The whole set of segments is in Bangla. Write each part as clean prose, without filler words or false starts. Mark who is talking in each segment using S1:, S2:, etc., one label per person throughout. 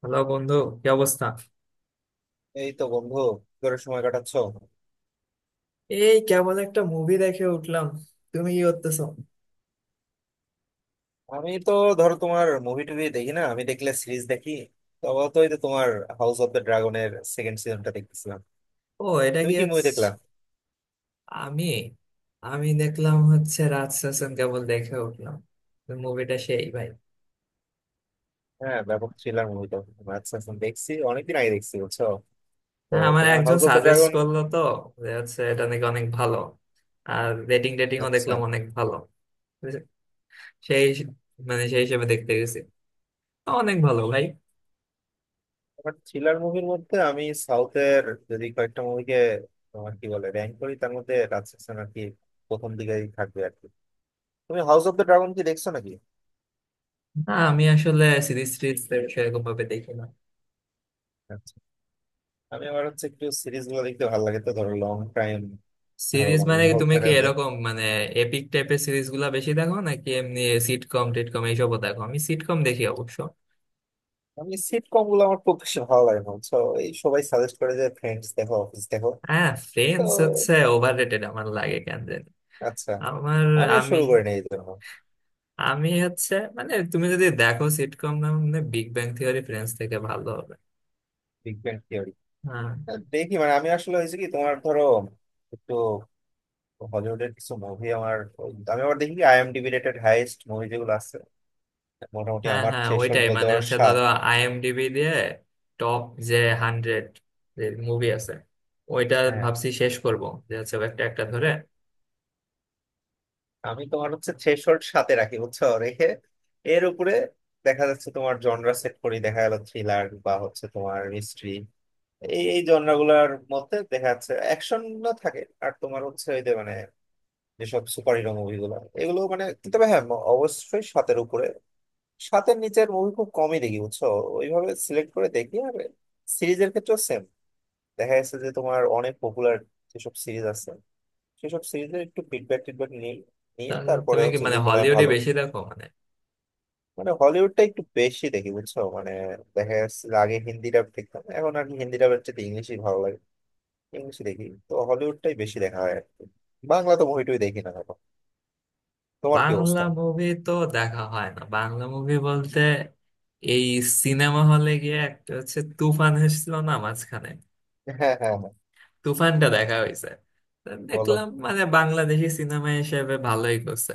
S1: হ্যালো বন্ধু, কি অবস্থা?
S2: এই তো বন্ধু কি করে সময় কাটাচ্ছো?
S1: এই কেমন একটা মুভি দেখে উঠলাম। তুমি কি করতেছো?
S2: আমি তো ধরো তোমার মুভি টুভি দেখি না, আমি দেখলে সিরিজ দেখি। তবে তো এই তো তোমার হাউস অফ দ্য ড্রাগনের সেকেন্ড সিজনটা দেখতেছিলাম।
S1: ও, এটা
S2: তুমি
S1: কি
S2: কি মুভি
S1: হচ্ছে?
S2: দেখলা?
S1: আমি আমি দেখলাম হচ্ছে রাজ সেশন কেবল দেখে উঠলাম। মুভিটা সেই ভাই।
S2: হ্যাঁ ব্যাপক থ্রিলার মুভি তো। আচ্ছা আচ্ছা, দেখছি অনেকদিন আগে দেখছি বুঝছো। তো
S1: হ্যাঁ, আমার
S2: তোমার
S1: একজন
S2: house of the
S1: suggest
S2: dragon.
S1: করলো তো যে হচ্ছে এটা নাকি অনেক ভালো। আর রেটিংও
S2: আচ্ছা,
S1: দেখলাম অনেক ভালো। সেই, মানে সেই হিসেবে দেখতে গেছি, অনেক ভালো ভাই।
S2: তোমার থ্রিলার মুভির মধ্যে আমি সাউথের যদি কয়েকটা মুভিকে তোমার কি বলে র্যাঙ্ক করি তার মধ্যে রাজশাসন আর কি প্রথম দিকেই থাকবে আর কি। তুমি হাউস অফ দ্য ড্রাগন কি দেখছো নাকি?
S1: না, আমি আসলে সিরিজ সিরিজ সেরকম ভাবে দেখি না।
S2: আমি আমার হচ্ছে একটু সিরিজ গুলো দেখতে ভালো লাগে তো ধরো লং টাইম ধরো
S1: সিরিজ
S2: মানে
S1: মানে কি,
S2: ইনভলভ
S1: তুমি কি
S2: থাকা যায়।
S1: এরকম মানে এপিক টাইপের সিরিজ গুলা বেশি দেখো নাকি এমনি সিটকম টিটকম এইসবও দেখো? আমি সিটকম দেখি অবশ্য।
S2: আমি সিটকম গুলো আমার খুব বেশি ভালো লাগে না তো, এই সবাই সাজেস্ট করে যে ফ্রেন্ডস দেখো অফিস দেখো
S1: হ্যাঁ,
S2: তো।
S1: ফ্রেন্ডস হচ্ছে ওভার রেটেড আমার লাগে কেন জানি।
S2: আচ্ছা,
S1: আমার,
S2: আমিও
S1: আমি
S2: শুরু করে নিই এই জন্য।
S1: আমি হচ্ছে মানে তুমি যদি দেখো সিটকম, না মানে বিগ ব্যাং থিওরি ফ্রেন্ডস থেকে ভালো হবে।
S2: বিগ ব্যাং থিওরি
S1: হ্যাঁ
S2: দেখি মানে আমি আসলে হয়েছে কি তোমার ধরো একটু হলিউডের কিছু মুভি আমার আমি আবার দেখি আইএমডিবি রেটেড হাইয়েস্ট মুভি যেগুলো আছে। মোটামুটি
S1: হ্যাঁ
S2: আমার
S1: হ্যাঁ,
S2: থ্রেশহোল্ড
S1: ওইটাই
S2: বলতে
S1: মানে
S2: পারো
S1: হচ্ছে,
S2: 7।
S1: ধরো আইএমডিবি দিয়ে টপ যে হান্ড্রেড যে মুভি আছে ওইটা
S2: হ্যাঁ,
S1: ভাবছি শেষ করব, যে হচ্ছে একটা একটা ধরে।
S2: আমি তোমার হচ্ছে থ্রেশহোল্ড সাথে রাখি বুঝছো রেখে এর উপরে। দেখা যাচ্ছে তোমার জনরা সেট করি দেখা গেল থ্রিলার বা হচ্ছে তোমার মিস্ট্রি, এই এই জনরাগুলার মধ্যে দেখা যাচ্ছে অ্যাকশন না থাকে আর তোমার হচ্ছে ওই যে মানে যেসব সুপার হিরো মুভিগুলো, এগুলো মানে কিন্তু তবে হ্যাঁ অবশ্যই সাতের উপরে। সাতের নিচের মুভি খুব কমই দেখি বুঝছো, ওইভাবে সিলেক্ট করে দেখি আর সিরিজের ক্ষেত্রেও সেম। দেখা যাচ্ছে যে তোমার অনেক পপুলার যেসব সিরিজ আছে সেসব সিরিজের একটু ফিডব্যাক টিডব্যাক নিই, নিয়ে
S1: তাহলে
S2: তারপরে
S1: তুমি কি
S2: হচ্ছে
S1: মানে
S2: যদি মনে হয়
S1: হলিউডে
S2: ভালো।
S1: বেশি দেখো মানে?
S2: মানে হলিউডটা একটু বেশি দেখি বুঝছো মানে দেখা যাচ্ছে যে আগে হিন্দি ডাব দেখতাম এখন আর কি হিন্দি ডাবের চেয়ে ইংলিশই ভালো লাগে, ইংলিশই দেখি তো হলিউডটাই বেশি দেখা হয় আর কি। বাংলা তো মুভিটুই দেখি না এখন। তোমার কি
S1: বাংলা
S2: অবস্থা?
S1: মুভি তো দেখা হয় না, বাংলা মুভি বলতে এই সিনেমা হলে গিয়ে একটা হচ্ছে তুফান এসেছিল না মাঝখানে,
S2: হ্যাঁ হ্যাঁ হ্যাঁ।
S1: তুফানটা দেখা হয়েছে। তো
S2: বলো।
S1: দেখলাম মানে বাংলাদেশি সিনেমা হিসেবে ভালোই করছে।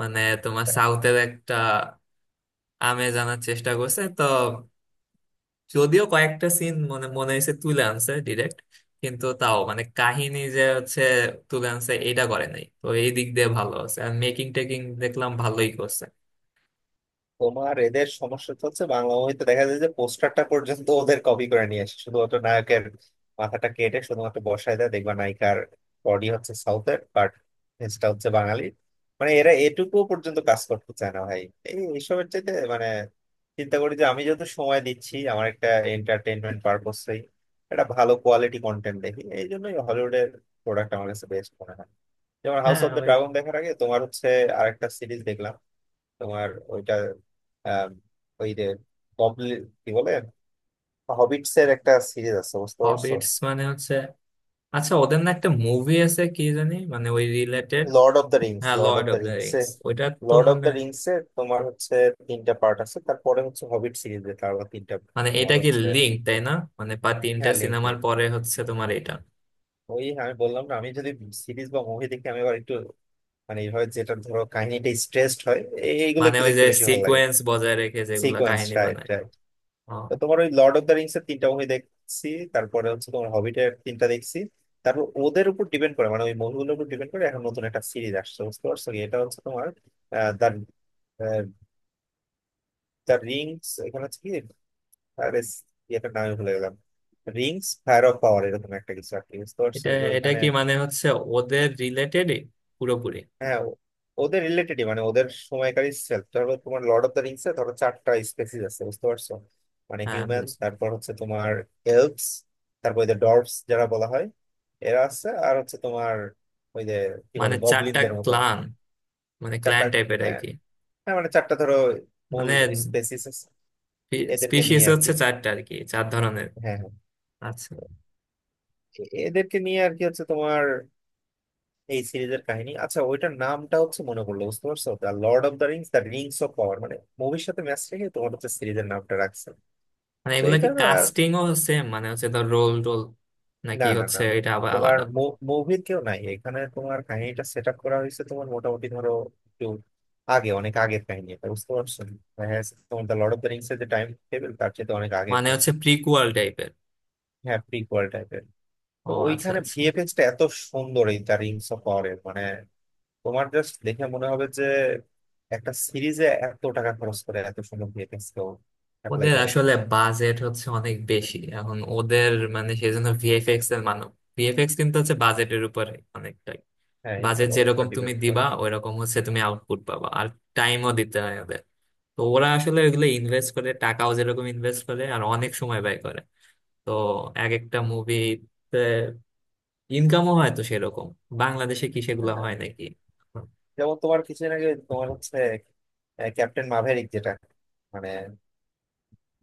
S1: মানে তোমার সাউথের একটা আমেজ আনার চেষ্টা করছে তো, যদিও কয়েকটা সিন মনে মনে হয়েছে তুলে আনছে ডিরেক্ট, কিন্তু তাও মানে কাহিনী যে হচ্ছে তুলে আনছে এটা করে নাই, তো এই দিক দিয়ে ভালো আছে। আর মেকিং টেকিং দেখলাম ভালোই করছে।
S2: তোমার এদের সমস্যা তো হচ্ছে বাংলা মুভিতে দেখা যায় যে পোস্টারটা পর্যন্ত ওদের কপি করে নিয়ে আসে, শুধুমাত্র নায়কের মাথাটা কেটে শুধুমাত্র বসায় দেয় দেখবা নায়িকার বডি হচ্ছে সাউথের বাট ফেসটা হচ্ছে বাঙালি। মানে এরা এটুকু পর্যন্ত কাজ করতে চায় না ভাই। এই এইসবের চাইতে মানে চিন্তা করি যে আমি যত সময় দিচ্ছি আমার একটা এন্টারটেনমেন্ট পারপোসেই একটা ভালো কোয়ালিটি কন্টেন্ট দেখি, এই জন্যই হলিউডের প্রোডাক্ট আমার কাছে বেস্ট মনে হয়। যেমন হাউস
S1: হ্যাঁ।
S2: অফ দ্য ড্রাগন দেখার আগে তোমার হচ্ছে আরেকটা সিরিজ দেখলাম তোমার ওইটা, আম, ওই যে গবলিন কি বলে হবিটস এর একটা সিরিজ আছে বুঝতে পারছো।
S1: হবিটস মানে হচ্ছে, আচ্ছা ওদের না একটা মুভি আছে কি জানি মানে ওই related.
S2: Lord of the rings,
S1: হ্যাঁ,
S2: lord
S1: lord
S2: of
S1: of
S2: the
S1: the
S2: rings এ,
S1: রিংস ওইটা তো
S2: লর্ড অফ
S1: মানে,
S2: দ্য রিংস এর তোমার হচ্ছে তিনটা পার্ট আছে, তারপরে হচ্ছে হবিট সিরিজ এ তার আবার তিনটা।
S1: মানে এটা
S2: তোমার
S1: কি
S2: হচ্ছে
S1: লিঙ্ক তাই না? মানে পা তিনটা
S2: হ্যাঁ লিঙ্ক
S1: সিনেমার
S2: লিঙ্ক।
S1: পরে হচ্ছে তোমার এটা?
S2: ওই আমি বললাম না আমি যদি সিরিজ বা মুভি দেখি আমি আবার একটু মানে এইভাবে যেটা ধরো কাহিনীটা স্ট্রেসড হয় এইগুলো
S1: মানে
S2: একটু
S1: ওই
S2: দেখতে
S1: যে
S2: বেশি ভালো লাগে।
S1: সিকোয়েন্স বজায় রেখে যেগুলা
S2: সিকোয়েন্স।
S1: কাহিনী বানায়। ও,
S2: তো তোমার ওই লর্ড অফ দ্য রিংস এর তিনটা মুভি দেখছি, তারপরে হচ্ছে তোমার হবিটের তিনটা দেখছি। তারপর ওদের উপর ডিপেন্ড করে মানে ওই মুভিগুলোর উপর ডিপেন্ড করে এখন নতুন একটা সিরিজ আসছে বুঝতে পারছো কি, এটা হচ্ছে তোমার দ্য দ্য রিংস এখানে হচ্ছে কি, আরে ইয়েটার নামে ভুলে গেলাম, রিংস ফায়ার অফ পাওয়ার এরকম একটা কিছু আর কি বুঝতে পারছো
S1: এটা
S2: যে
S1: এটা
S2: ওইখানে।
S1: কি মানে হচ্ছে ওদের রিলেটেডই পুরোপুরি?
S2: হ্যাঁ ওদের রিলেটেডই, মানে ওদের সময়কারী সেলফ ধরো তোমার লর্ড অফ দ্য রিংস এ ধরো চারটা স্পেসিস আছে বুঝতে পারছো, মানে
S1: হ্যাঁ
S2: হিউম্যান
S1: বুঝলাম।
S2: তারপর হচ্ছে তোমার এলভস, তারপর ওই যে ডর্ভস যারা বলা হয় এরা আছে, আর হচ্ছে তোমার ওই যে কি
S1: মানে
S2: বলে
S1: চারটা
S2: গবলিনদের মতো।
S1: ক্লান, মানে
S2: চারটা,
S1: ক্লান টাইপের আর
S2: হ্যাঁ
S1: কি।
S2: হ্যাঁ, মানে চারটা ধরো মূল
S1: মানে
S2: স্পেসিস আছে, এদেরকে
S1: স্পিসিস
S2: নিয়ে আর
S1: হচ্ছে
S2: কি।
S1: চারটা আর কি, চার ধরনের।
S2: হ্যাঁ হ্যাঁ।
S1: আচ্ছা।
S2: এদেরকে নিয়ে আর কি হচ্ছে তোমার এই সিরিজের কাহিনী। আচ্ছা ওইটার নামটা হচ্ছে মনে পড়লো বুঝতে পারছো, the lord of the rings the rings of power, মানে মুভির সাথে ম্যাচ রেখে তোমার হচ্ছে সিরিজের নামটা রাখছে।
S1: মানে
S2: তো
S1: এগুলা
S2: এটা
S1: কি কাস্টিং ও সেম মানে হচ্ছে ধর রোল টোল,
S2: না
S1: নাকি
S2: না
S1: হচ্ছে
S2: না,
S1: এটা আবার
S2: তোমার
S1: আলাদা?
S2: মুভির কেউ নাই এখানে, তোমার কাহিনীটা সেট আপ করা হয়েছে তোমার মোটামুটি ধরো একটু আগে, অনেক আগের কাহিনী এটা বুঝতে পারছো। দেখা যাচ্ছে তোমার the lord of the rings এর যে টাইম টেবিল তার চেয়ে অনেক আগের
S1: মানে হচ্ছে
S2: কাহিনী।
S1: প্রিকুয়াল টাইপের?
S2: হ্যাঁ প্রিকুয়াল টাইপের।
S1: ও,
S2: তো
S1: আচ্ছা
S2: ওইখানে
S1: আচ্ছা।
S2: ভিএফএক্স টা এত সুন্দর এই দ্য রিংস অফ পাওয়ারের, মানে তোমার জাস্ট দেখে মনে হবে যে একটা সিরিজে এত টাকা খরচ করে এত সুন্দর ভিএফএক্স কেউ অ্যাপ্লাই
S1: ওদের
S2: করে কিনা।
S1: আসলে বাজেট হচ্ছে অনেক বেশি এখন ওদের, মানে সেই জন্য ভিএফএক্স এর মানে, ভিএফএক্স কিন্তু হচ্ছে বাজেটের উপরে অনেকটাই।
S2: হ্যাঁ এই তো
S1: বাজেট
S2: অবশ্য
S1: যেরকম তুমি
S2: ডিপেন্ড করে।
S1: দিবা ওইরকম হচ্ছে তুমি আউটপুট পাবা। আর টাইমও দিতে হয় ওদের, তো ওরা আসলে ওইগুলো ইনভেস্ট করে, টাকাও যেরকম ইনভেস্ট করে আর অনেক সময় ব্যয় করে। তো এক একটা মুভি ইনকামও হয় তো সেরকম। বাংলাদেশে কি সেগুলো
S2: হ্যাঁ,
S1: হয় নাকি?
S2: যেমন তোমার কিছুদিন আগে তোমার হচ্ছে ক্যাপ্টেন মাভেরিক যেটা মানে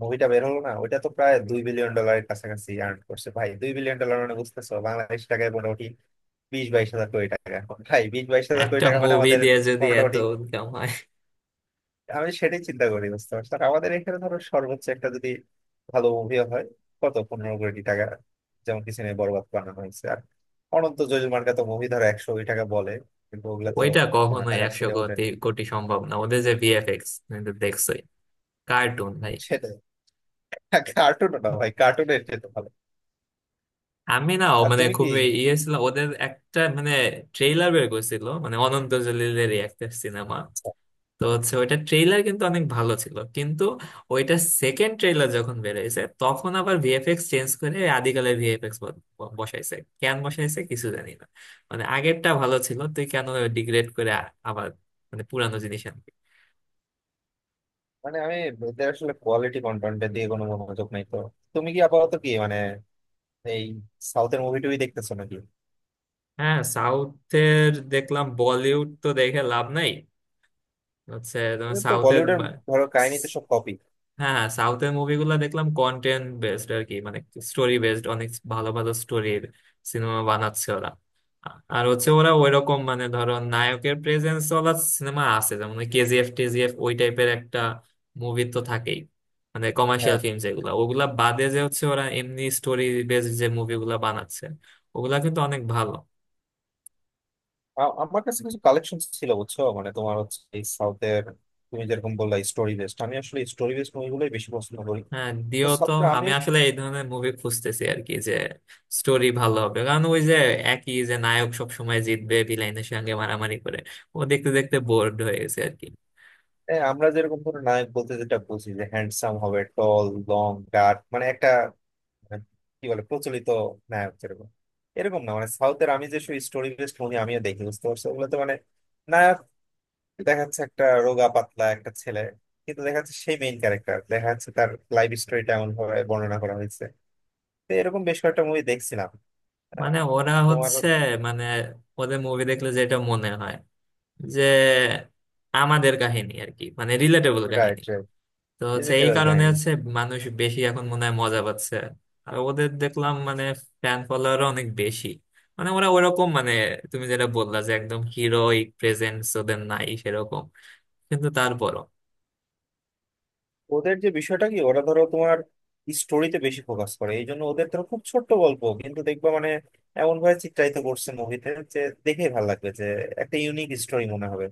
S2: মুভিটা বের হলো না ওইটা তো প্রায় 2 বিলিয়ন ডলারের কাছাকাছি আর্ন করছে ভাই, 2 বিলিয়ন ডলার মানে বুঝতেছো বাংলাদেশ টাকায় মোটামুটি বিশ বাইশ হাজার কোটি টাকা। ভাই বিশ বাইশ হাজার কোটি
S1: একটা
S2: টাকা মানে
S1: মুভি
S2: আমাদের
S1: দিয়ে যদি এত
S2: মোটামুটি।
S1: ইনকাম হয়।
S2: আমি সেটাই চিন্তা করি বুঝতে পারছো, আর আমাদের এখানে ধরো সর্বোচ্চ একটা যদি ভালো মুভি হয় কত 15 কোটি টাকা, যেমন পিছনে বরবাদ বানানো হয়েছে আর অনন্ত যোজমার তো মুভি ধরো 100 কোটি টাকা বলে, কিন্তু ওগুলা তো
S1: ওইটা
S2: কোনো
S1: কখনোই
S2: টাকার
S1: একশো
S2: সিটে ওঠে
S1: কোটি,
S2: না।
S1: কোটি সম্ভব না, ওদের যে ভিএফএক্স দেখছোই, কার্টুন ভাই।
S2: সেটাই কার্টুন না ভাই, কার্টুনের যেতে ভালো।
S1: আমি, না ও
S2: আর
S1: মানে
S2: তুমি কি
S1: খুবই ইয়ে ছিল ওদের একটা, মানে ট্রেইলার বের করছিল মানে অনন্ত জলিলের একটা সিনেমা, তো হচ্ছে ওইটা ট্রেইলার কিন্তু অনেক ভালো ছিল, কিন্তু ওইটা সেকেন্ড ট্রেইলার যখন বেরিয়েছে তখন আবার ভিএফএক্স চেঞ্জ করে আদিকালের ভিএফএক্স বসাইছে। কেন বসাইছে কিছু জানি না, মানে আগেরটা ভালো ছিল, তুই কেন ডিগ্রেড করে আবার মানে পুরানো জিনিস আনবি?
S2: মানে আমি এদের আসলে কোয়ালিটি কন্টেন্ট দিয়ে কোনো মনোযোগ নাই তো। তুমি কি আপাতত কি মানে এই সাউথের মুভি টুভি দেখতেছো নাকি?
S1: হ্যাঁ, সাউথের দেখলাম, বলিউড তো দেখে লাভ নাই। হচ্ছে তোমার
S2: এদের তো
S1: সাউথের।
S2: বলিউডের ধরো কাহিনী তো সব কপি।
S1: হ্যাঁ, সাউথের মুভিগুলো দেখলাম কন্টেন্ট বেসড আর কি, মানে স্টোরি বেসড, অনেক ভালো ভালো স্টোরির সিনেমা বানাচ্ছে ওরা। আর হচ্ছে ওরা ওইরকম মানে ধরো নায়কের প্রেজেন্স ওলা সিনেমা আছে যেমন কেজিএফ টেজিএফ ওই টাইপের একটা মুভি তো থাকেই, মানে কমার্শিয়াল ফিল্ম যেগুলো, ওগুলা বাদে যে হচ্ছে ওরা এমনি স্টোরি বেসড যে মুভিগুলা বানাচ্ছে ওগুলা কিন্তু অনেক ভালো।
S2: আমার কাছে কিছু কালেকশন ছিল বুঝছো মানে তোমার হচ্ছে এই সাউথের। তুমি যেরকম বললা স্টোরি বেসড, আমি আসলে স্টোরি বেসড মুভিগুলোই বেশি পছন্দ করি।
S1: হ্যাঁ
S2: তো
S1: দিও তো।
S2: সাউথের আমি,
S1: আমি আসলে এই ধরনের মুভি খুঁজতেছি আর কি, যে স্টোরি ভালো হবে, কারণ ওই যে একই যে নায়ক সব সময় জিতবে ভিলেনের সঙ্গে মারামারি করে, ও দেখতে দেখতে বোর্ড হয়ে গেছে আর কি।
S2: আমরা যেরকম ধরো নায়ক বলতে যেটা বুঝি যে হ্যান্ডসাম হবে, টল, লং ডার্ক মানে একটা মানে, কি বলে প্রচলিত নায়ক যেরকম এরকম না, মানে সাউথের আমি যে স্টোরি বেসড মুভি আমিও দেখি বুঝতে পারছো। ওগুলোতে মানে নায়ক দেখা যাচ্ছে একটা রোগা পাতলা একটা ছেলে, কিন্তু দেখা যাচ্ছে সেই মেইন ক্যারেক্টার দেখা যাচ্ছে তার লাইফ স্টোরিটা এমন ভাবে বর্ণনা করা হয়েছে। তো এরকম বেশ কয়েকটা মুভি দেখছিলাম। আহ,
S1: মানে ওরা
S2: তোমার।
S1: হচ্ছে, মানে ওদের মুভি দেখলে যেটা মনে হয় যে আমাদের কাহিনী আর কি, মানে রিলেটেবল কাহিনী।
S2: Right right.
S1: তো হচ্ছে এই
S2: এডিটেবল
S1: কারণে
S2: কাহিনী।
S1: হচ্ছে মানুষ বেশি এখন মনে হয় মজা পাচ্ছে। আর ওদের দেখলাম মানে ফ্যান ফলোয়ার অনেক বেশি, মানে ওরা ওরকম মানে, তুমি যেটা বললা যে একদম হিরোইক প্রেজেন্স ওদের নাই সেরকম, কিন্তু তারপরও।
S2: ওদের যে বিষয়টা কি, ওরা ধরো তোমার স্টোরিতে বেশি ফোকাস করে এই জন্য ওদের ধরো খুব ছোট্ট গল্প কিন্তু দেখবা মানে এমন ভাবে চিত্রায়িত করছে মুভিতে যে দেখেই ভালো লাগবে যে একটা ইউনিক স্টোরি মনে হবে,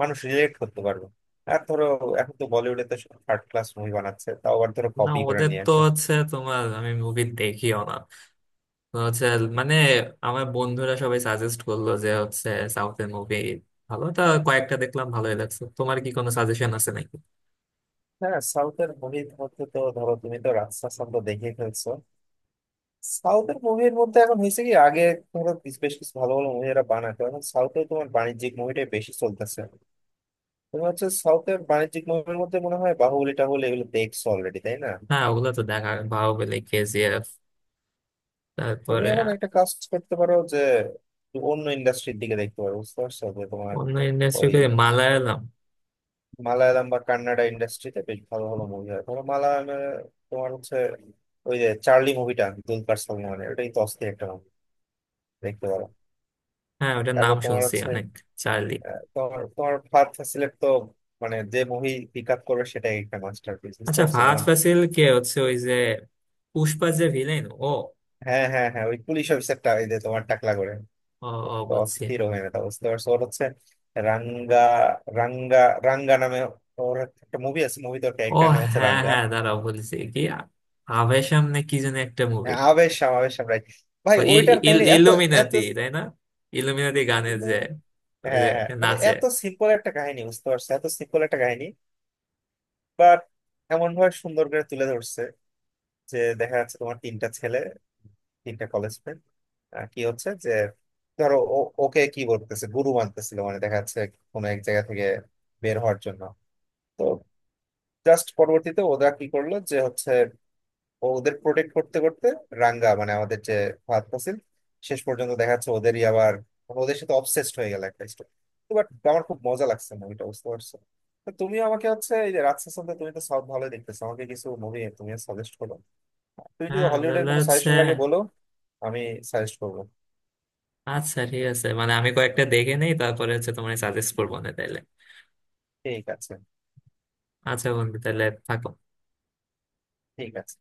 S2: মানুষ রিলেট করতে পারবে। আর ধরো এখন তো বলিউডে তো সব থার্ড ক্লাস মুভি বানাচ্ছে, তাও আবার ধরো
S1: না
S2: কপি করে
S1: ওদের
S2: নিয়ে
S1: তো
S2: আসে।
S1: হচ্ছে তোমার, আমি মুভি দেখিও না, তো হচ্ছে মানে আমার বন্ধুরা সবাই সাজেস্ট করলো যে হচ্ছে সাউথের মুভি ভালো, তা কয়েকটা দেখলাম ভালোই লাগছে। তোমার কি কোনো সাজেশন আছে নাকি?
S2: হ্যাঁ সাউথের মুভির মধ্যে তো ধরো তুমি তো রাজশাসন তো দেখে ফেলছো। সাউথের মুভির মধ্যে এখন হয়েছে কি, আগে তোমরা বেশ বেশ কিছু ভালো ভালো মুভি এরা বানাতো, এখন সাউথে তোমার বাণিজ্যিক মুভিটাই বেশি চলতেছে। তুমি হচ্ছে সাউথের বাণিজ্যিক মুভির মধ্যে মনে হয় বাহুবলি টাহুলি এগুলো দেখছো অলরেডি তাই না?
S1: হ্যাঁ ওগুলো তো দেখা, বাহুবলী, কেজিএফ,
S2: তুমি
S1: তারপরে।
S2: এখন একটা কাজ করতে পারো যে অন্য ইন্ডাস্ট্রির দিকে দেখতে পারো বুঝতে পারছো, যে তোমার
S1: অন্য ইন্ডাস্ট্রি?
S2: ওই
S1: মালায়ালাম।
S2: মালায়ালাম বা কান্নাডা ইন্ডাস্ট্রিতে বেশ ভালো ভালো মুভি হয়। ধরো মালায়ালামে তোমার হচ্ছে ওই যে চার্লি মুভিটা দুলকার সালমানের, ওটাই তো অস্থির একটা মুভি, দেখতে পারো।
S1: হ্যাঁ ওটার নাম
S2: তারপর তোমার
S1: শুনছি
S2: হচ্ছে
S1: অনেক। চার্লি।
S2: তোমার তোমার ফার্থ সিলেক্ট তো মানে যে মুভি পিক আপ করবে সেটাই একটা মাস্টারপিস বুঝতে
S1: আচ্ছা
S2: পারছো।
S1: ফাহাদ
S2: যেমন
S1: ফাসিল কে হচ্ছে ওই যে পুষ্পা যে ভিলেন ও?
S2: হ্যাঁ হ্যাঁ হ্যাঁ, ওই পুলিশ অফিসারটা ওই যে তোমার টাকলা করে,
S1: ও।
S2: ও
S1: ও,
S2: তো
S1: বুঝছি।
S2: অস্থির হয়ে না বুঝতে পারছো, ওর হচ্ছে রাঙ্গা, রাঙ্গা, রাঙ্গা নামে ওর একটা মুভি আছে, মুভি তো
S1: ও।
S2: ক্যারেক্টার নাম হচ্ছে
S1: হ্যাঁ
S2: রাঙ্গা।
S1: হ্যাঁ, দাঁড়াও বলছি কি, আভেশম না কি যেন একটা মুভি।
S2: হ্যাঁ, আবেশাম, আবেশাম রাইট। ভাই
S1: ও,
S2: ওইটার কাহিনী এত এত,
S1: ইলুমিনাতি তাই না? ইলুমিনাতি গানের যে ওই
S2: হ্যাঁ
S1: যে
S2: হ্যাঁ মানে
S1: নাচে।
S2: এত সিম্পল একটা কাহিনী বুঝতে পারছো, এত সিম্পল একটা কাহিনী। বাট এমন ভাবে সুন্দর করে তুলে ধরছে যে দেখা যাচ্ছে তোমার তিনটা ছেলে তিনটা কলেজ ফ্রেন্ড কি হচ্ছে যে ধরো ওকে কি বলতেছে গুরু মানতেছিল, মানে দেখা যাচ্ছে কোনো এক জায়গা থেকে বের হওয়ার জন্য। তো জাস্ট পরবর্তীতে ওরা কি করলো যে হচ্ছে ও ওদের প্রোটেক্ট করতে করতে রাঙ্গা মানে আমাদের যে ফাহাদ ফাসিল শেষ পর্যন্ত দেখা যাচ্ছে ওদেরই আবার ওদের সাথে অবসেসড হয়ে গেল একটা স্টোরি। বাট আমার খুব মজা লাগছে মুভিটা বুঝতে পারছো। তো তুমি আমাকে হচ্ছে এই যে রাত সেশন তুমি তো সব ভালোই দেখতেছো, আমাকে কিছু মুভি তুমি সাজেস্ট করো। তুমি যদি
S1: হ্যাঁ
S2: হলিউডের
S1: তাহলে
S2: কোনো
S1: হচ্ছে।
S2: সাজেশন লাগে বলো, আমি সাজেস্ট করবো।
S1: আচ্ছা ঠিক আছে মানে আমি কয়েকটা দেখে নেই তারপরে হচ্ছে তোমার সাজেস্ট করবো না তাইলে।
S2: ঠিক আছে।
S1: আচ্ছা বন্ধু, তাহলে থাকো।
S2: ঠিক আছে।